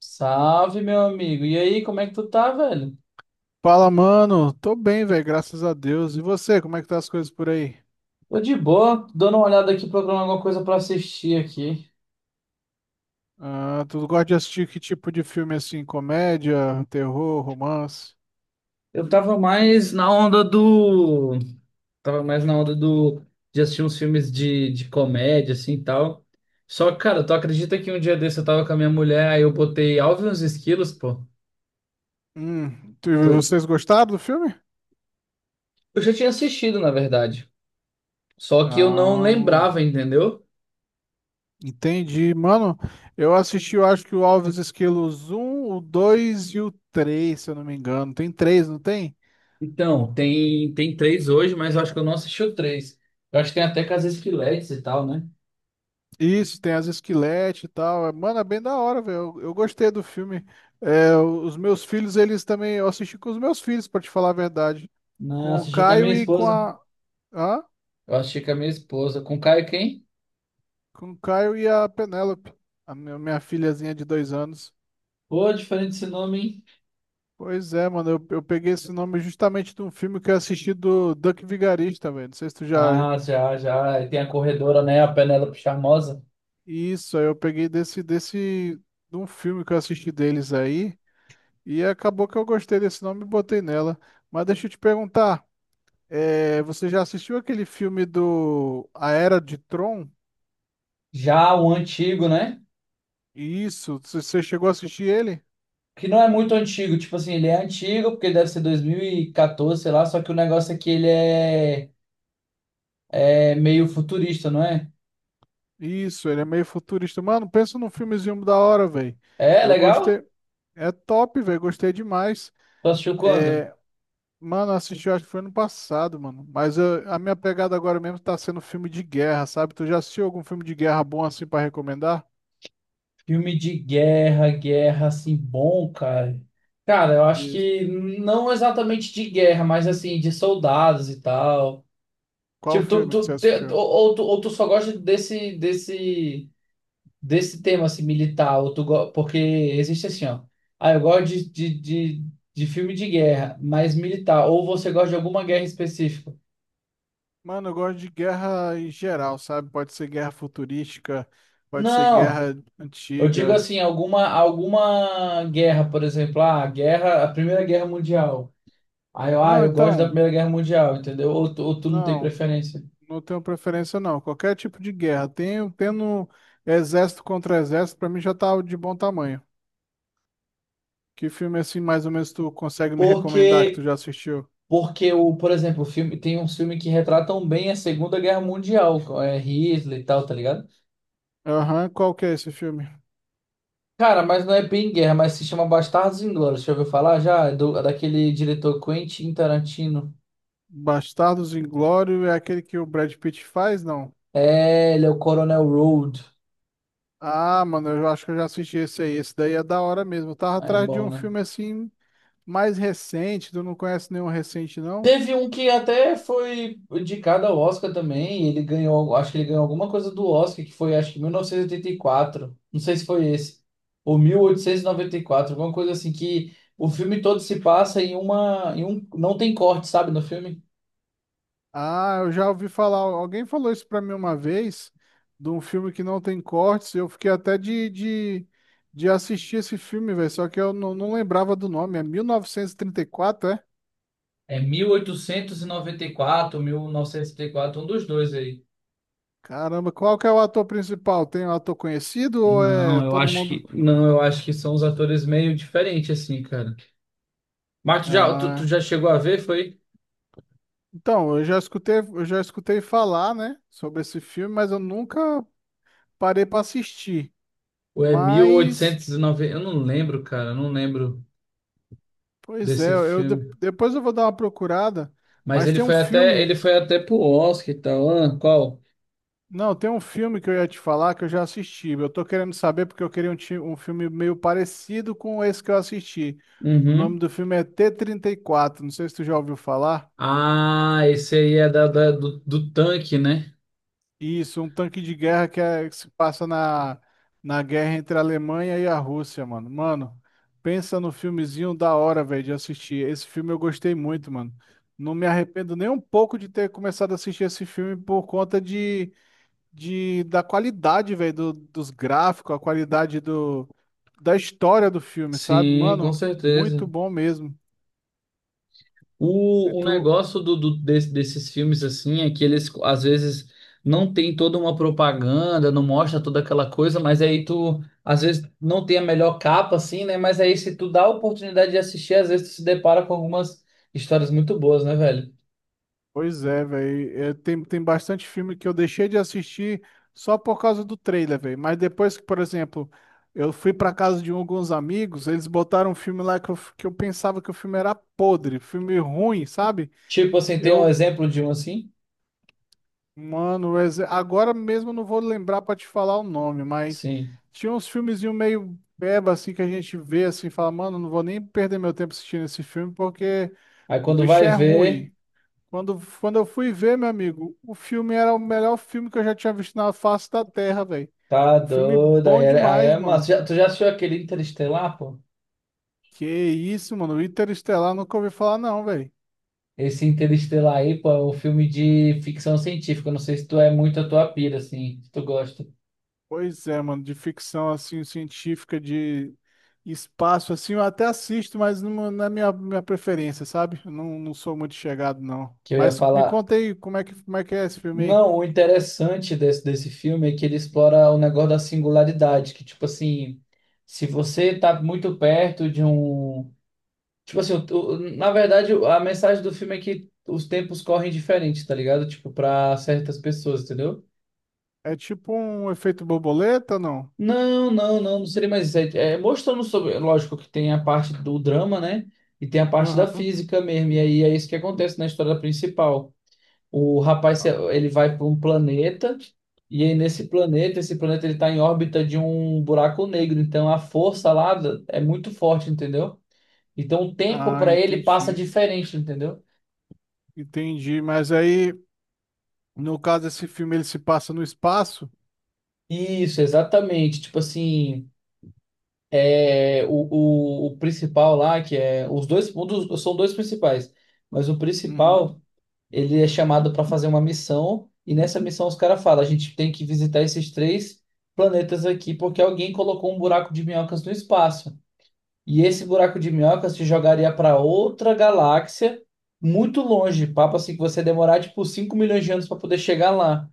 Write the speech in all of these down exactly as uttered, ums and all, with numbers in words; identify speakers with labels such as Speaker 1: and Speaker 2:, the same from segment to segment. Speaker 1: Salve, meu amigo. E aí, como é que tu tá, velho?
Speaker 2: Fala, mano. Tô bem, velho, graças a Deus. E você, como é que tá as coisas por aí?
Speaker 1: Tô de boa, tô dando uma olhada aqui, procurando alguma coisa pra assistir aqui.
Speaker 2: Ah, tu gosta de assistir que tipo de filme assim? Comédia, terror, romance?
Speaker 1: Eu tava mais na onda do. Tava mais na onda do. De assistir uns filmes de, de comédia, assim e tal. Só que, cara, tu acredita que um dia desse eu tava com a minha mulher, aí eu botei Alvin e os Esquilos, pô.
Speaker 2: Hum, tu-
Speaker 1: Tu-
Speaker 2: vocês gostaram do filme?
Speaker 1: Eu já tinha assistido, na verdade. Só que eu não
Speaker 2: Ah, hum,
Speaker 1: lembrava, entendeu?
Speaker 2: entendi. Mano, eu assisti, eu acho que o Alves Esquilos um, o dois e o três, se eu não me engano. Tem três, não tem?
Speaker 1: Então, tem, tem três hoje, mas eu acho que eu não assisti o três. Eu acho que tem até com as Esquiletes e tal, né?
Speaker 2: Isso, tem as esqueletes e tal. É, Mano, é bem da hora, velho. Eu, eu gostei do filme. É, os meus filhos, eles também. Eu assisti com os meus filhos, pra te falar a verdade.
Speaker 1: Não,
Speaker 2: Com o
Speaker 1: assisti com a minha
Speaker 2: Caio e com
Speaker 1: esposa.
Speaker 2: a. Hã?
Speaker 1: Eu assisti com a minha esposa. Com o Caio quem?
Speaker 2: Com o Caio e a Penélope, a minha, minha filhazinha de dois anos.
Speaker 1: Pô, diferente esse nome, hein?
Speaker 2: Pois é, mano. Eu, eu peguei esse nome justamente de um filme que eu assisti do Duck Vigarista, velho. Não sei se tu já.
Speaker 1: Ah, já, já. E tem a corredora, né? A Penélope Charmosa.
Speaker 2: Isso, aí eu peguei desse, desse. De um filme que eu assisti deles aí. E acabou que eu gostei desse nome e botei nela. Mas deixa eu te perguntar, eh, você já assistiu aquele filme do A Era de Tron?
Speaker 1: Já o antigo, né?
Speaker 2: Isso, você você chegou a assistir ele?
Speaker 1: Que não é muito antigo. Tipo assim, ele é antigo, porque deve ser dois mil e quatorze, sei lá. Só que o negócio é que ele é, é meio futurista, não é?
Speaker 2: Isso, ele é meio futurista. Mano, pensa num filmezinho da hora, velho.
Speaker 1: É,
Speaker 2: Eu
Speaker 1: legal?
Speaker 2: gostei. É top, velho, gostei demais.
Speaker 1: Tu assistiu quando?
Speaker 2: Mano, eu assisti, eu acho que foi ano passado, mano. Mas eu- a minha pegada agora mesmo tá sendo filme de guerra, sabe? Tu já assistiu algum filme de guerra bom assim pra recomendar?
Speaker 1: Filme de guerra, guerra, assim, bom, cara. Cara, eu acho
Speaker 2: Isso.
Speaker 1: que não exatamente de guerra, mas assim, de soldados e tal.
Speaker 2: Qual
Speaker 1: Tipo, tu,
Speaker 2: filme que
Speaker 1: tu,
Speaker 2: você
Speaker 1: te-
Speaker 2: assistiu?
Speaker 1: ou, ou tu, ou tu só gosta desse, desse, desse tema, assim, militar, ou tu go... porque existe assim, ó. Ah, eu gosto de, de, de, de filme de guerra, mas militar. Ou você gosta de alguma guerra específica?
Speaker 2: Mano, eu gosto de guerra em geral, sabe? Pode ser guerra futurística, pode ser
Speaker 1: Não!
Speaker 2: guerra
Speaker 1: Eu digo
Speaker 2: antiga.
Speaker 1: assim, alguma, alguma guerra, por exemplo, ah, a guerra, a Primeira Guerra Mundial. Ah, eu, ah,
Speaker 2: Não,
Speaker 1: eu gosto da
Speaker 2: então,
Speaker 1: Primeira Guerra Mundial, entendeu? Ou tu, ou tu não tem
Speaker 2: não,
Speaker 1: preferência.
Speaker 2: não tenho preferência não. Qualquer tipo de guerra. Tenho, tendo exército contra exército, pra mim já tá de bom tamanho. Que filme assim, mais ou menos, tu consegue me recomendar que tu
Speaker 1: Porque
Speaker 2: já assistiu?
Speaker 1: Porque o, por exemplo, o filme tem uns filmes que retratam bem a Segunda Guerra Mundial, co- é Hitler e tal, tá ligado?
Speaker 2: Aham, qual que é esse filme?
Speaker 1: Cara, mas não é bem guerra, mas se chama Bastardos Inglórios. Já ouviu falar? Já é do, daquele diretor Quentin Tarantino?
Speaker 2: Bastardos Inglórios é aquele que o Brad Pitt faz, não?
Speaker 1: É, ele é o Coronel Road.
Speaker 2: Ah, mano, eu acho que eu já assisti esse aí. Esse daí é da hora mesmo. Eu tava
Speaker 1: É
Speaker 2: atrás de
Speaker 1: bom,
Speaker 2: um
Speaker 1: né?
Speaker 2: filme assim mais recente, tu não conhece nenhum recente, não?
Speaker 1: Teve um que até foi indicado ao Oscar também, e ele ganhou, acho que ele ganhou alguma coisa do Oscar, que foi acho que mil novecentos e e oitenta e quatro, não sei se foi esse, ou mil oitocentos e e noventa e quatro, alguma coisa assim, que o filme todo se passa em uma, em um, não tem corte, sabe, no filme?
Speaker 2: Ah, eu já ouvi falar. Alguém falou isso pra mim uma vez, de um filme que não tem cortes. Eu fiquei até de, de, de assistir esse filme, velho. Só que eu não, não lembrava do nome. É mil novecentos e e trinta e quatro, é?
Speaker 1: É mil mil oitocentos e e noventa e quatro, mil novecentos e oitenta e quatro, um dos dois aí.
Speaker 2: Caramba, qual que é o ator principal? Tem um ator conhecido ou
Speaker 1: Não,
Speaker 2: é
Speaker 1: eu
Speaker 2: todo
Speaker 1: acho
Speaker 2: mundo?
Speaker 1: que não, eu acho que são os atores meio diferentes assim, cara. Mas tu já, tu, tu
Speaker 2: Ah,
Speaker 1: já chegou a ver, foi?
Speaker 2: então, eu já escutei, eu já escutei falar, né, sobre esse filme, mas eu nunca parei pra assistir.
Speaker 1: Ou é
Speaker 2: Mas,
Speaker 1: mil oitocentos e noventa, eu não lembro, cara, eu não lembro
Speaker 2: pois é,
Speaker 1: desse
Speaker 2: eu de-
Speaker 1: filme.
Speaker 2: depois eu vou dar uma procurada,
Speaker 1: Mas
Speaker 2: mas
Speaker 1: ele
Speaker 2: tem um
Speaker 1: foi até, ele
Speaker 2: filme,
Speaker 1: foi até pro Oscar e tal. Ah, qual?
Speaker 2: não, tem um filme que eu ia te falar que eu já assisti. Eu tô querendo saber porque eu queria um, ti- um filme meio parecido com esse que eu assisti. O nome
Speaker 1: Uhum.
Speaker 2: do filme é tê trinta e quatro, não sei se tu já ouviu falar.
Speaker 1: Ah, esse aí é da, da- do, do tanque, né?
Speaker 2: Isso, um tanque de guerra que, é- que se passa na, na guerra entre a Alemanha e a Rússia, mano. Mano, pensa no filmezinho da hora, velho, de assistir. Esse filme eu gostei muito, mano. Não me arrependo nem um pouco de ter começado a assistir esse filme por conta de, de da qualidade, velho, do- dos gráficos, a qualidade do, da história do filme, sabe?
Speaker 1: Sim,
Speaker 2: Mano,
Speaker 1: com
Speaker 2: muito
Speaker 1: certeza.
Speaker 2: bom mesmo. E
Speaker 1: O, o
Speaker 2: tu-
Speaker 1: negócio do, do- desse- desses filmes assim é que eles às vezes não tem toda uma propaganda, não mostra toda aquela coisa, mas aí tu às vezes não tem a melhor capa assim, né? Mas aí se tu dá a oportunidade de assistir, às vezes tu se depara com algumas histórias muito boas, né, velho?
Speaker 2: Pois é, velho. Tem, tem bastante filme que eu deixei de assistir só por causa do trailer, velho. Mas depois que, por exemplo, eu fui pra casa de um, alguns amigos, eles botaram um filme lá que eu, f- que eu pensava que o filme era podre, filme ruim, sabe?
Speaker 1: Tipo assim, tem um
Speaker 2: Eu,
Speaker 1: exemplo de um assim?
Speaker 2: mano, ex- agora mesmo eu não vou lembrar pra te falar o nome, mas
Speaker 1: Sim.
Speaker 2: tinha uns filmezinhos meio beba assim que a gente vê assim, e fala, mano, não vou nem perder meu tempo assistindo esse filme porque
Speaker 1: Aí
Speaker 2: o
Speaker 1: quando
Speaker 2: bicho
Speaker 1: vai
Speaker 2: é
Speaker 1: ver,
Speaker 2: ruim. Quando, quando eu fui ver, meu amigo, o filme era o melhor filme que eu já tinha visto na face da Terra, velho.
Speaker 1: tá
Speaker 2: Um filme
Speaker 1: doido, aí
Speaker 2: bom
Speaker 1: é, aí
Speaker 2: demais,
Speaker 1: é massa.
Speaker 2: mano.
Speaker 1: Já- tu já assistiu aquele Interestelar, pô?
Speaker 2: Que isso, mano. Interestelar, nunca ouvi falar, não, velho.
Speaker 1: Esse Interestelar aí, pô, é um filme de ficção científica. Eu não sei se tu é muito a tua pira, assim, se tu gosta.
Speaker 2: Pois é, mano. De ficção, assim, científica, de espaço, assim, eu até assisto, mas não, não é minha, minha preferência, sabe? Eu não, não sou muito chegado, não.
Speaker 1: Que eu ia
Speaker 2: Mas me
Speaker 1: falar.
Speaker 2: conta aí, como é que, como é que, é esse filme aí?
Speaker 1: Não, o interessante desse, desse filme é que ele explora o negócio da singularidade, que, tipo assim, se você tá muito perto de um. Tipo assim, o- o- na verdade, a mensagem do filme é que os tempos correm diferente, tá ligado? Tipo, pra certas pessoas, entendeu?
Speaker 2: É tipo um efeito borboleta, não?
Speaker 1: Não, não, não, não seria mais isso. É, é mostrando sobre. Lógico que tem a parte do drama, né? E tem a parte da
Speaker 2: Aham.
Speaker 1: física mesmo. E aí é isso que acontece na história principal. O rapaz, se- ele vai para um planeta. E aí nesse planeta, esse planeta ele está em órbita de um buraco negro. Então a força lá da- é muito forte, entendeu? Então o tempo
Speaker 2: Ah,
Speaker 1: para ele passa
Speaker 2: entendi.
Speaker 1: diferente, entendeu?
Speaker 2: Entendi, mas aí. No caso, esse filme ele se passa no espaço.
Speaker 1: Isso, exatamente. Tipo assim. É, o, o, o principal lá, que é os dois, um dos- são dois principais, mas o
Speaker 2: Uhum.
Speaker 1: principal, ele é chamado para fazer uma missão, e nessa missão os caras falam, a gente tem que visitar esses três planetas aqui, porque alguém colocou um buraco de minhocas no espaço. E esse buraco de minhoca se jogaria para outra galáxia muito longe, papo assim que você ia demorar tipo cinco milhões de anos para poder chegar lá.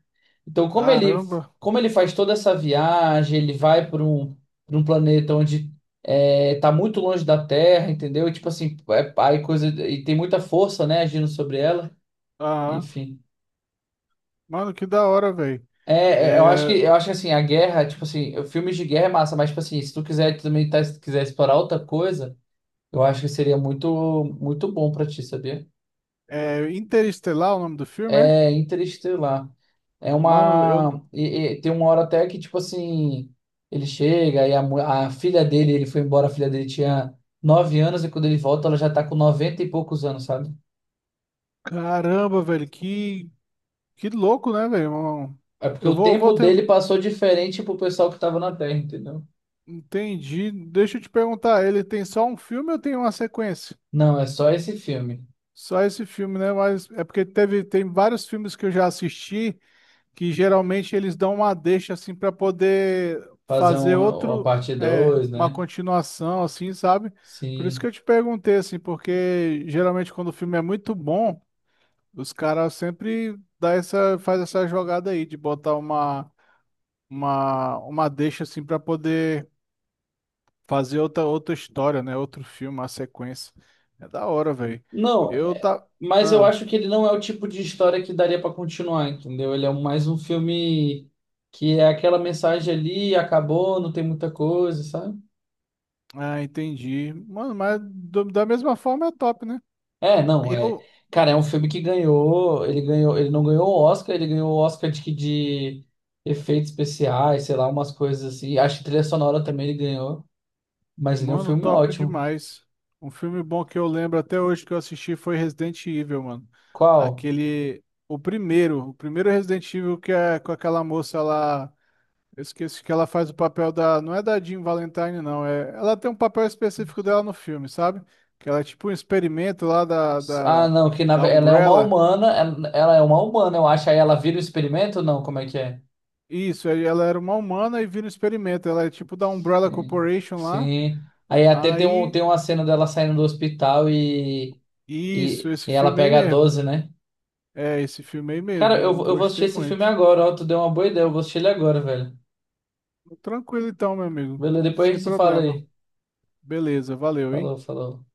Speaker 1: Então, como ele,
Speaker 2: Caramba.
Speaker 1: como ele faz toda essa viagem, ele vai para um, para um, planeta onde é, tá muito longe da Terra, entendeu? E, tipo assim, é, aí coisa e tem muita força, né, agindo sobre ela.
Speaker 2: Ah,
Speaker 1: Enfim.
Speaker 2: mano, que da hora, velho.
Speaker 1: É, é, eu acho que
Speaker 2: É,
Speaker 1: eu acho que assim, a guerra, tipo assim, filmes de guerra é massa, mas tipo assim, se tu quiser também tá, se quiser explorar outra coisa, eu acho que seria muito, muito bom pra ti, sabia?
Speaker 2: é Interestelar o nome do filme, é?
Speaker 1: É Interestelar. É
Speaker 2: Mano, eu.
Speaker 1: uma. e- e tem uma hora até que, tipo assim, ele chega e a, mu- a filha dele, ele foi embora, a filha dele tinha nove anos, e quando ele volta, ela já tá com noventa e poucos anos, sabe?
Speaker 2: Caramba, velho, que, que louco, né, velho? Um-
Speaker 1: É porque
Speaker 2: Eu
Speaker 1: o
Speaker 2: vou,
Speaker 1: tempo
Speaker 2: vou ter.
Speaker 1: dele passou diferente pro pessoal que tava na Terra, entendeu?
Speaker 2: Entendi. Deixa eu te perguntar, ele tem só um filme ou tem uma sequência?
Speaker 1: Não, é só esse filme.
Speaker 2: Só esse filme, né? Mas é porque teve, tem vários filmes que eu já assisti, que geralmente eles dão uma deixa assim para poder
Speaker 1: Fazer
Speaker 2: fazer
Speaker 1: um- uma
Speaker 2: outro,
Speaker 1: parte
Speaker 2: é,
Speaker 1: dois,
Speaker 2: uma
Speaker 1: né?
Speaker 2: continuação assim, sabe? Por isso que
Speaker 1: Sim.
Speaker 2: eu te perguntei assim, porque geralmente quando o filme é muito bom, os caras sempre dá essa, faz essa jogada aí de botar uma uma uma deixa assim para poder fazer outra outra história, né? Outro filme, uma sequência. É da hora, velho.
Speaker 1: Não,
Speaker 2: Eu
Speaker 1: é-
Speaker 2: tá
Speaker 1: mas eu
Speaker 2: Ah,
Speaker 1: acho que ele não é o tipo de história que daria pra continuar, entendeu? Ele é um, mais um filme que é aquela mensagem ali, acabou, não tem muita coisa, sabe?
Speaker 2: ah, entendi. Mano, mas do- da mesma forma é top, né?
Speaker 1: É, não, é.
Speaker 2: Eu,
Speaker 1: Cara, é um filme que ganhou, ele ganhou, ele não ganhou o Oscar, ele ganhou o Oscar de, de efeitos especiais, sei lá, umas coisas assim. Acho que trilha sonora também ele ganhou, mas ele é um
Speaker 2: Mano,
Speaker 1: filme
Speaker 2: top
Speaker 1: ótimo.
Speaker 2: demais. Um filme bom que eu lembro até hoje que eu assisti foi Resident Evil, mano.
Speaker 1: Qual?
Speaker 2: Aquele. O primeiro. O primeiro Resident Evil que é com aquela moça lá. Eu esqueci que ela faz o papel da. Não é da Jean Valentine, não. É... Ela tem um papel específico dela no filme, sabe? Que ela é tipo um experimento lá da,
Speaker 1: Ah,
Speaker 2: da,
Speaker 1: não, que na,
Speaker 2: da
Speaker 1: ve- ela é uma
Speaker 2: Umbrella.
Speaker 1: humana, ela, ela é uma humana, eu acho. Aí ela vira o experimento? Não, como é que é?
Speaker 2: Isso, aí ela era uma humana e vira um experimento. Ela é tipo da Umbrella
Speaker 1: Sim.
Speaker 2: Corporation lá.
Speaker 1: Sim. Aí até tem, um,
Speaker 2: Aí.
Speaker 1: tem uma cena dela saindo do hospital e,
Speaker 2: Isso,
Speaker 1: e,
Speaker 2: esse
Speaker 1: e ela
Speaker 2: filme aí
Speaker 1: pega a
Speaker 2: mesmo.
Speaker 1: doze, né?
Speaker 2: É esse filme aí
Speaker 1: Cara, eu,
Speaker 2: mesmo.
Speaker 1: vou- eu vou assistir
Speaker 2: Gostei
Speaker 1: esse filme
Speaker 2: muito.
Speaker 1: agora, ó. Tu deu uma boa ideia, eu vou assistir ele agora, velho.
Speaker 2: Tranquilo então, meu amigo.
Speaker 1: Beleza, depois a
Speaker 2: Sem
Speaker 1: gente se fala
Speaker 2: problema.
Speaker 1: aí.
Speaker 2: Beleza, valeu, hein?
Speaker 1: Falou, falou.